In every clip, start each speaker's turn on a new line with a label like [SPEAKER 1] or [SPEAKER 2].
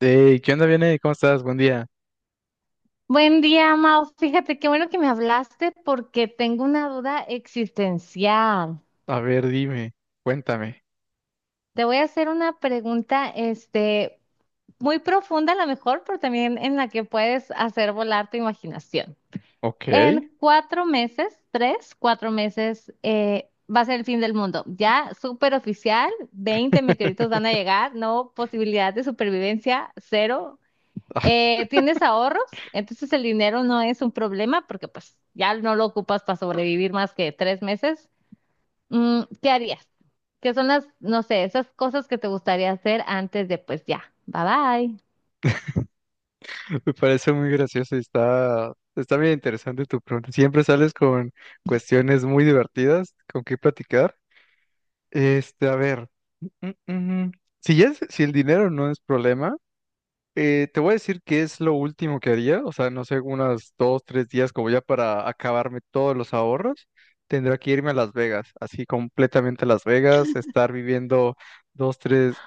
[SPEAKER 1] Hey, ¿qué onda, Vianey? ¿Cómo estás? Buen día.
[SPEAKER 2] Buen día, Mau. Fíjate qué bueno que me hablaste porque tengo una duda existencial.
[SPEAKER 1] A ver, dime, cuéntame.
[SPEAKER 2] Te voy a hacer una pregunta, muy profunda a lo mejor, pero también en la que puedes hacer volar tu imaginación.
[SPEAKER 1] Ok.
[SPEAKER 2] En 4 meses, 3, 4 meses, va a ser el fin del mundo. Ya súper oficial. 20 meteoritos van a llegar, no posibilidad de supervivencia, cero. Tienes ahorros, entonces el dinero no es un problema porque pues ya no lo ocupas para sobrevivir más que 3 meses. ¿Qué harías? ¿Qué son las, no sé, esas cosas que te gustaría hacer antes de pues ya, bye bye?
[SPEAKER 1] Me parece muy gracioso y está bien interesante tu pregunta. Siempre sales con cuestiones muy divertidas con qué platicar. A ver. mm, mm, mm. mm. Si, si el dinero no es problema. Te voy a decir que es lo último que haría, o sea, no sé, unas dos, tres días como ya para acabarme todos los ahorros, tendría que irme a Las Vegas, así completamente a Las Vegas, estar viviendo dos, tres,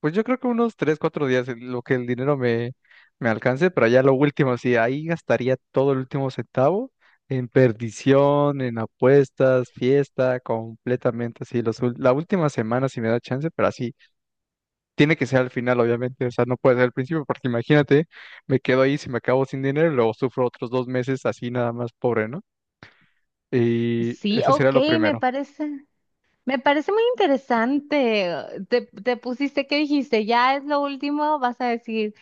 [SPEAKER 1] pues yo creo que unos tres, cuatro días en lo que el me alcance, pero ya lo último, sí, ahí gastaría todo el último centavo en perdición, en apuestas, fiesta, completamente así, la última semana si me da chance, pero así tiene que ser al final, obviamente, o sea, no puede ser al principio, porque imagínate, me quedo ahí, si me acabo sin dinero, y luego sufro otros dos meses así nada más pobre, ¿no? Y
[SPEAKER 2] Sí,
[SPEAKER 1] eso sería
[SPEAKER 2] ok,
[SPEAKER 1] lo
[SPEAKER 2] me
[SPEAKER 1] primero.
[SPEAKER 2] parece. Me parece muy interesante. Te pusiste, ¿qué dijiste? Ya es lo último, vas a decir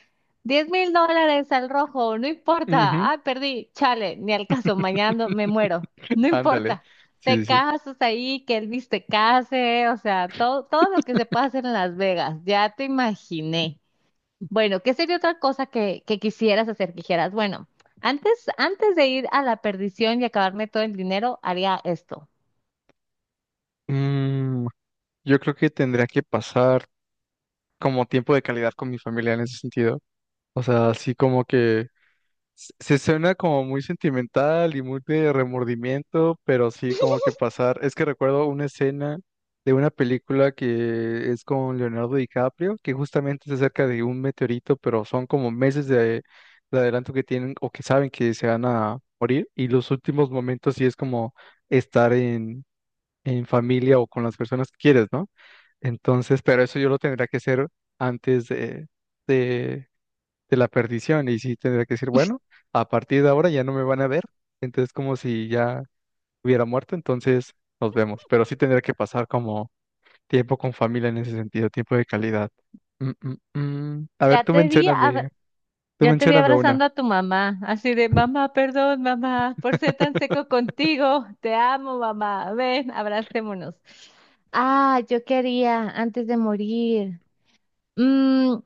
[SPEAKER 2] $10,000 al rojo, no
[SPEAKER 1] Ujú.
[SPEAKER 2] importa. Ah, perdí, chale, ni al caso, mañana no- me muero, no
[SPEAKER 1] Ándale,
[SPEAKER 2] importa. Te
[SPEAKER 1] sí, sí, sí.
[SPEAKER 2] casas ahí, que Elvis te case, o sea, todo, todo lo que se puede hacer en Las Vegas, ya te imaginé. Bueno, ¿qué sería otra cosa que quisieras hacer? Que dijeras, bueno, antes de ir a la perdición y acabarme todo el dinero, haría esto.
[SPEAKER 1] Mm, yo creo que tendría que pasar como tiempo de calidad con mi familia en ese sentido. O sea, así como que se suena como muy sentimental y muy de remordimiento, pero sí como que pasar. Es que recuerdo una escena de una película que es con Leonardo DiCaprio, que justamente es acerca de un meteorito, pero son como meses de adelanto que tienen o que saben que se van a morir. Y los últimos momentos sí es como estar en familia o con las personas que quieres, ¿no? Entonces, pero eso yo lo tendría que hacer antes de de la perdición y sí tendría que decir, bueno, a partir de ahora ya no me van a ver, entonces como si ya hubiera muerto, entonces nos vemos, pero sí tendría que pasar como tiempo con familia en ese sentido, tiempo de calidad. Mm, mm, mm. A ver,
[SPEAKER 2] Ya te di a,
[SPEAKER 1] tú
[SPEAKER 2] Ya te vi
[SPEAKER 1] mencióname una.
[SPEAKER 2] abrazando a tu mamá, así de mamá, perdón, mamá, por ser tan seco contigo. Te amo, mamá. Ven, abracémonos. Ah, yo quería antes de morir. Mm,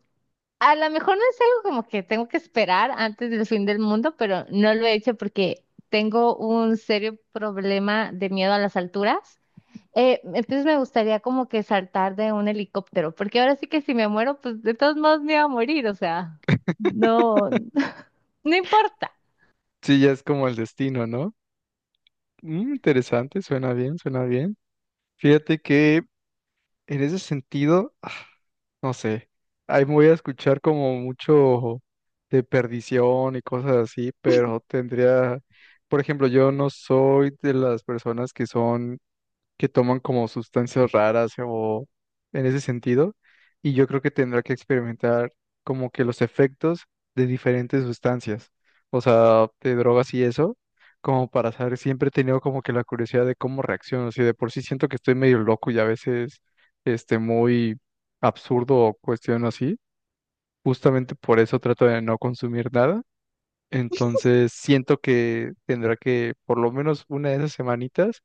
[SPEAKER 2] a lo mejor no es algo como que tengo que esperar antes del fin del mundo, pero no lo he hecho porque tengo un serio problema de miedo a las alturas. Entonces me gustaría como que saltar de un helicóptero, porque ahora sí que si me muero, pues de todos modos me iba a morir, o sea, no. No importa.
[SPEAKER 1] Sí, ya es como el destino, ¿no? Interesante, suena bien, suena bien. Fíjate que En ese sentido, no sé, ahí me voy a escuchar como mucho de perdición y cosas así, pero tendría, por ejemplo, yo no soy de las personas que toman como sustancias raras o en ese sentido, y yo creo que tendrá que experimentar como que los efectos de diferentes sustancias, o sea, de drogas y eso, como para saber, siempre he tenido como que la curiosidad de cómo reacciono, si de por sí siento que estoy medio loco y a veces muy absurdo o cuestión así, justamente por eso trato de no consumir nada. Entonces siento que tendrá que por lo menos una de esas semanitas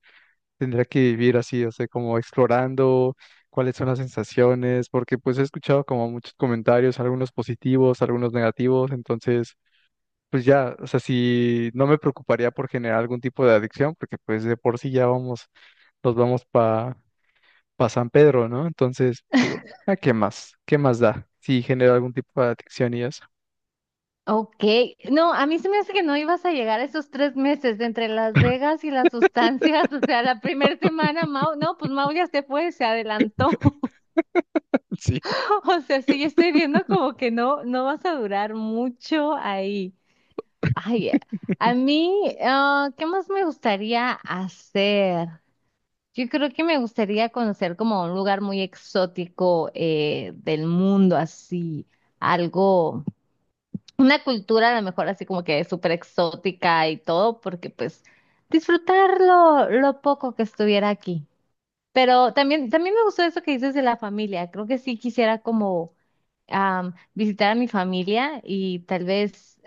[SPEAKER 1] tendría que vivir así, o sea, como explorando cuáles son las sensaciones, porque pues he escuchado como muchos comentarios, algunos positivos, algunos negativos, entonces pues ya, o sea, si no me preocuparía por generar algún tipo de adicción, porque pues de por sí ya vamos, nos vamos para pa San Pedro, ¿no? Entonces digo, ¿a qué más? ¿Qué más da si genera algún tipo de adicción y eso?
[SPEAKER 2] Ok, no, a mí se me hace que no ibas a llegar a esos 3 meses de entre Las Vegas y las sustancias, o sea, la primera semana, Mau, no, pues Mau ya se fue, se adelantó,
[SPEAKER 1] Sí.
[SPEAKER 2] o sea, sí, yo estoy viendo como que no, no vas a durar mucho ahí. Ay, a mí, ¿qué más me gustaría hacer? Yo creo que me gustaría conocer como un lugar muy exótico del mundo, así, algo, una cultura a lo mejor así como que súper exótica y todo, porque pues disfrutar lo poco que estuviera aquí. Pero también me gustó eso que dices de la familia. Creo que sí quisiera como visitar a mi familia y tal vez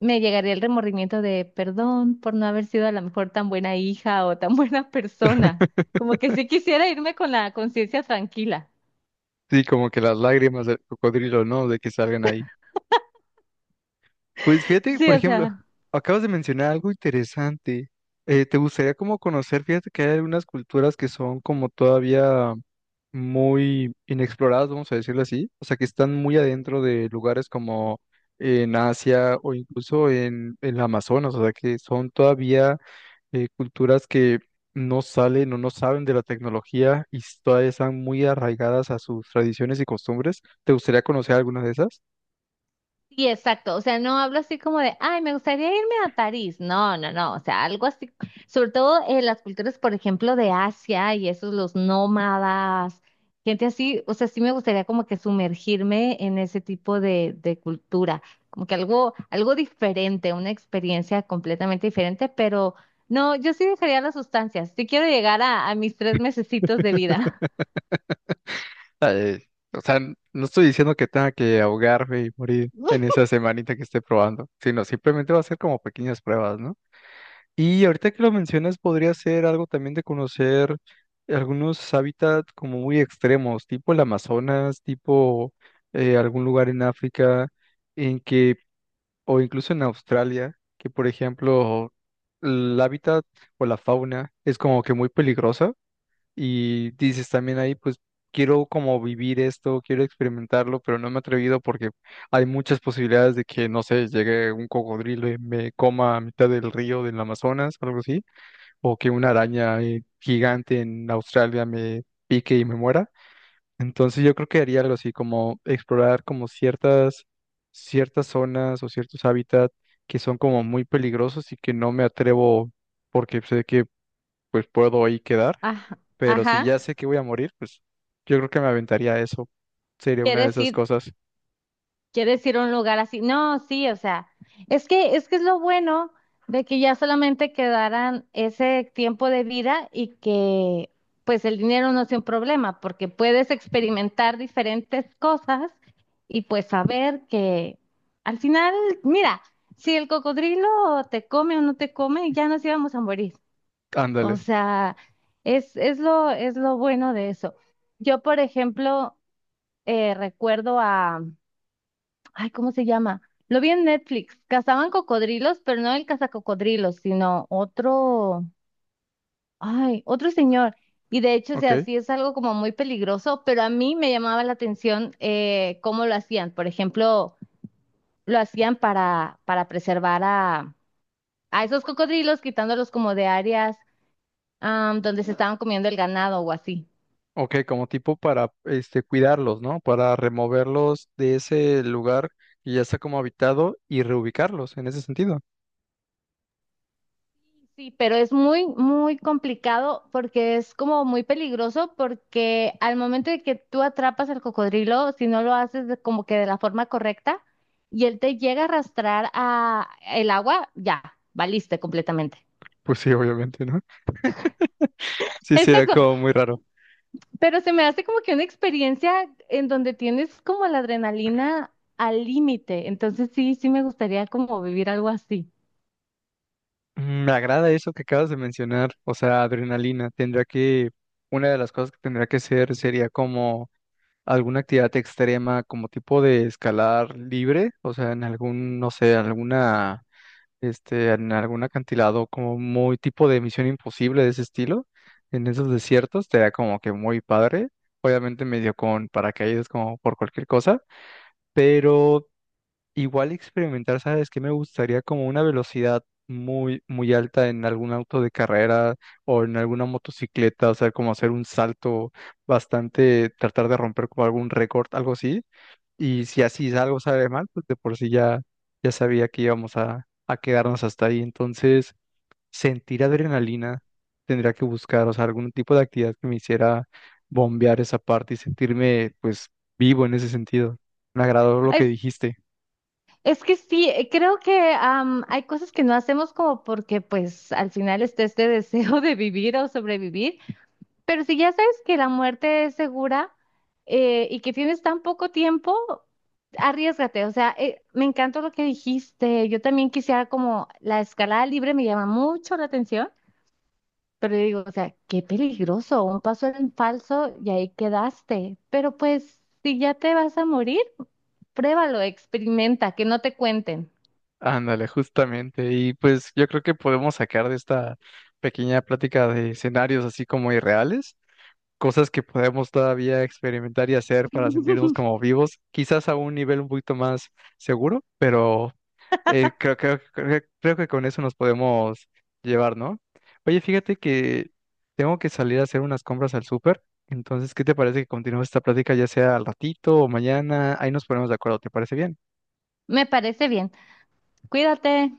[SPEAKER 2] me llegaría el remordimiento de perdón por no haber sido a lo mejor tan buena hija o tan buena persona. Como que sí quisiera irme con la conciencia tranquila.
[SPEAKER 1] Sí, como que las lágrimas del cocodrilo, ¿no? De que salgan ahí. Pues fíjate,
[SPEAKER 2] Sí,
[SPEAKER 1] por
[SPEAKER 2] o
[SPEAKER 1] ejemplo,
[SPEAKER 2] sea.
[SPEAKER 1] acabas de mencionar algo interesante. ¿Te gustaría como conocer? Fíjate que hay algunas culturas que son como todavía muy inexploradas, vamos a decirlo así. O sea, que están muy adentro de lugares como en Asia o incluso en el Amazonas. O sea, que son todavía culturas que no salen o no saben de la tecnología y todavía están muy arraigadas a sus tradiciones y costumbres. ¿Te gustaría conocer alguna de esas?
[SPEAKER 2] Sí, exacto. O sea, no hablo así como de, ay, me gustaría irme a París. No, no, no. O sea, algo así. Sobre todo en las culturas, por ejemplo, de Asia y esos, los nómadas, gente así. O sea, sí me gustaría como que sumergirme en ese tipo de cultura. Como que algo, algo diferente, una experiencia completamente diferente. Pero no, yo sí dejaría las sustancias. Sí quiero llegar a mis 3 mesecitos de vida.
[SPEAKER 1] Ah, Eh, o sea, no estoy diciendo que tenga que ahogarme y morir en esa semanita que esté probando, sino simplemente va a ser como pequeñas pruebas, ¿no? Y ahorita que lo mencionas, podría ser algo también de conocer algunos hábitats como muy extremos, tipo el Amazonas, tipo algún lugar en África, en que, o incluso en Australia, que por ejemplo, el hábitat o la fauna es como que muy peligrosa y dices también ahí, pues quiero como vivir esto, quiero experimentarlo, pero no me he atrevido porque hay muchas posibilidades de que, no sé, llegue un cocodrilo y me coma a mitad del río del Amazonas, algo así, o que una araña gigante en Australia me pique y me muera. Entonces yo creo que haría algo así, como explorar como ciertas zonas o ciertos hábitats que son como muy peligrosos y que no me atrevo porque sé que pues puedo ahí quedar,
[SPEAKER 2] Ajá.
[SPEAKER 1] pero si
[SPEAKER 2] Ajá.
[SPEAKER 1] ya sé que voy a morir, pues yo creo que me aventaría eso. Sería una de
[SPEAKER 2] ¿Quieres
[SPEAKER 1] esas
[SPEAKER 2] ir?
[SPEAKER 1] cosas.
[SPEAKER 2] Quieres ir a un lugar así. No, sí, o sea, es que es lo bueno de que ya solamente quedaran ese tiempo de vida y que pues el dinero no sea un problema, porque puedes experimentar diferentes cosas y pues saber que al final, mira, si el cocodrilo te come o no te come, ya nos íbamos a morir. O
[SPEAKER 1] Ándale,
[SPEAKER 2] sea, es lo bueno de eso. Yo, por ejemplo, recuerdo a Ay, ¿cómo se llama? Lo vi en Netflix. Cazaban cocodrilos, pero no el cazacocodrilos, sino otro, ay, otro señor. Y de hecho, o sea,
[SPEAKER 1] ok.
[SPEAKER 2] sí es algo como muy peligroso, pero a mí me llamaba la atención cómo lo hacían. Por ejemplo, lo hacían para preservar a esos cocodrilos, quitándolos como de áreas donde se estaban comiendo el ganado o así.
[SPEAKER 1] Ok, como tipo para este cuidarlos, ¿no? Para removerlos de ese lugar que ya está como habitado y reubicarlos en ese sentido.
[SPEAKER 2] Sí, pero es muy, muy complicado porque es como muy peligroso porque al momento de que tú atrapas al cocodrilo, si no lo haces como que de la forma correcta y él te llega a arrastrar a el agua, ya, valiste completamente.
[SPEAKER 1] Pues sí, obviamente, ¿no? Sí, sería
[SPEAKER 2] Exacto,
[SPEAKER 1] como muy raro.
[SPEAKER 2] pero se me hace como que una experiencia en donde tienes como la adrenalina al límite, entonces sí, sí me gustaría como vivir algo así.
[SPEAKER 1] Me agrada eso que acabas de mencionar, o sea, adrenalina. Una de las cosas que tendría que ser sería como alguna actividad extrema como tipo de escalar libre, o sea, en algún, no sé, en algún acantilado como muy tipo de Misión Imposible de ese estilo, en esos desiertos, te da como que muy padre. Obviamente medio con paracaídas como por cualquier cosa, pero igual experimentar, ¿sabes qué? Me gustaría como una velocidad muy, muy alta en algún auto de carrera o en alguna motocicleta, o sea, como hacer un salto bastante, tratar de romper como algún récord, algo así. Y si así algo sale mal, pues de por sí ya, ya sabía que íbamos a quedarnos hasta ahí. Entonces, sentir adrenalina tendría que buscar, o sea, algún tipo de actividad que me hiciera bombear esa parte y sentirme, pues, vivo en ese sentido. Me agradó lo que dijiste.
[SPEAKER 2] Es que sí, creo que hay cosas que no hacemos como porque pues al final está este deseo de vivir o sobrevivir, pero si ya sabes que la muerte es segura y que tienes tan poco tiempo, arriésgate, o sea, me encantó lo que dijiste, yo también quisiera como la escalada libre me llama mucho la atención, pero yo digo, o sea, qué peligroso, un paso en falso y ahí quedaste, pero pues si ya te vas a morir, pruébalo, experimenta, que no te cuenten.
[SPEAKER 1] Ándale, justamente. Y pues yo creo que podemos sacar de esta pequeña plática de escenarios así como irreales, cosas que podemos todavía experimentar y hacer para sentirnos como vivos, quizás a un nivel un poquito más seguro, pero creo que con eso nos podemos llevar, ¿no? Oye, fíjate que tengo que salir a hacer unas compras al súper, entonces, ¿qué te parece que continuemos esta plática ya sea al ratito o mañana? Ahí nos ponemos de acuerdo, ¿te parece bien?
[SPEAKER 2] Me parece bien. Cuídate.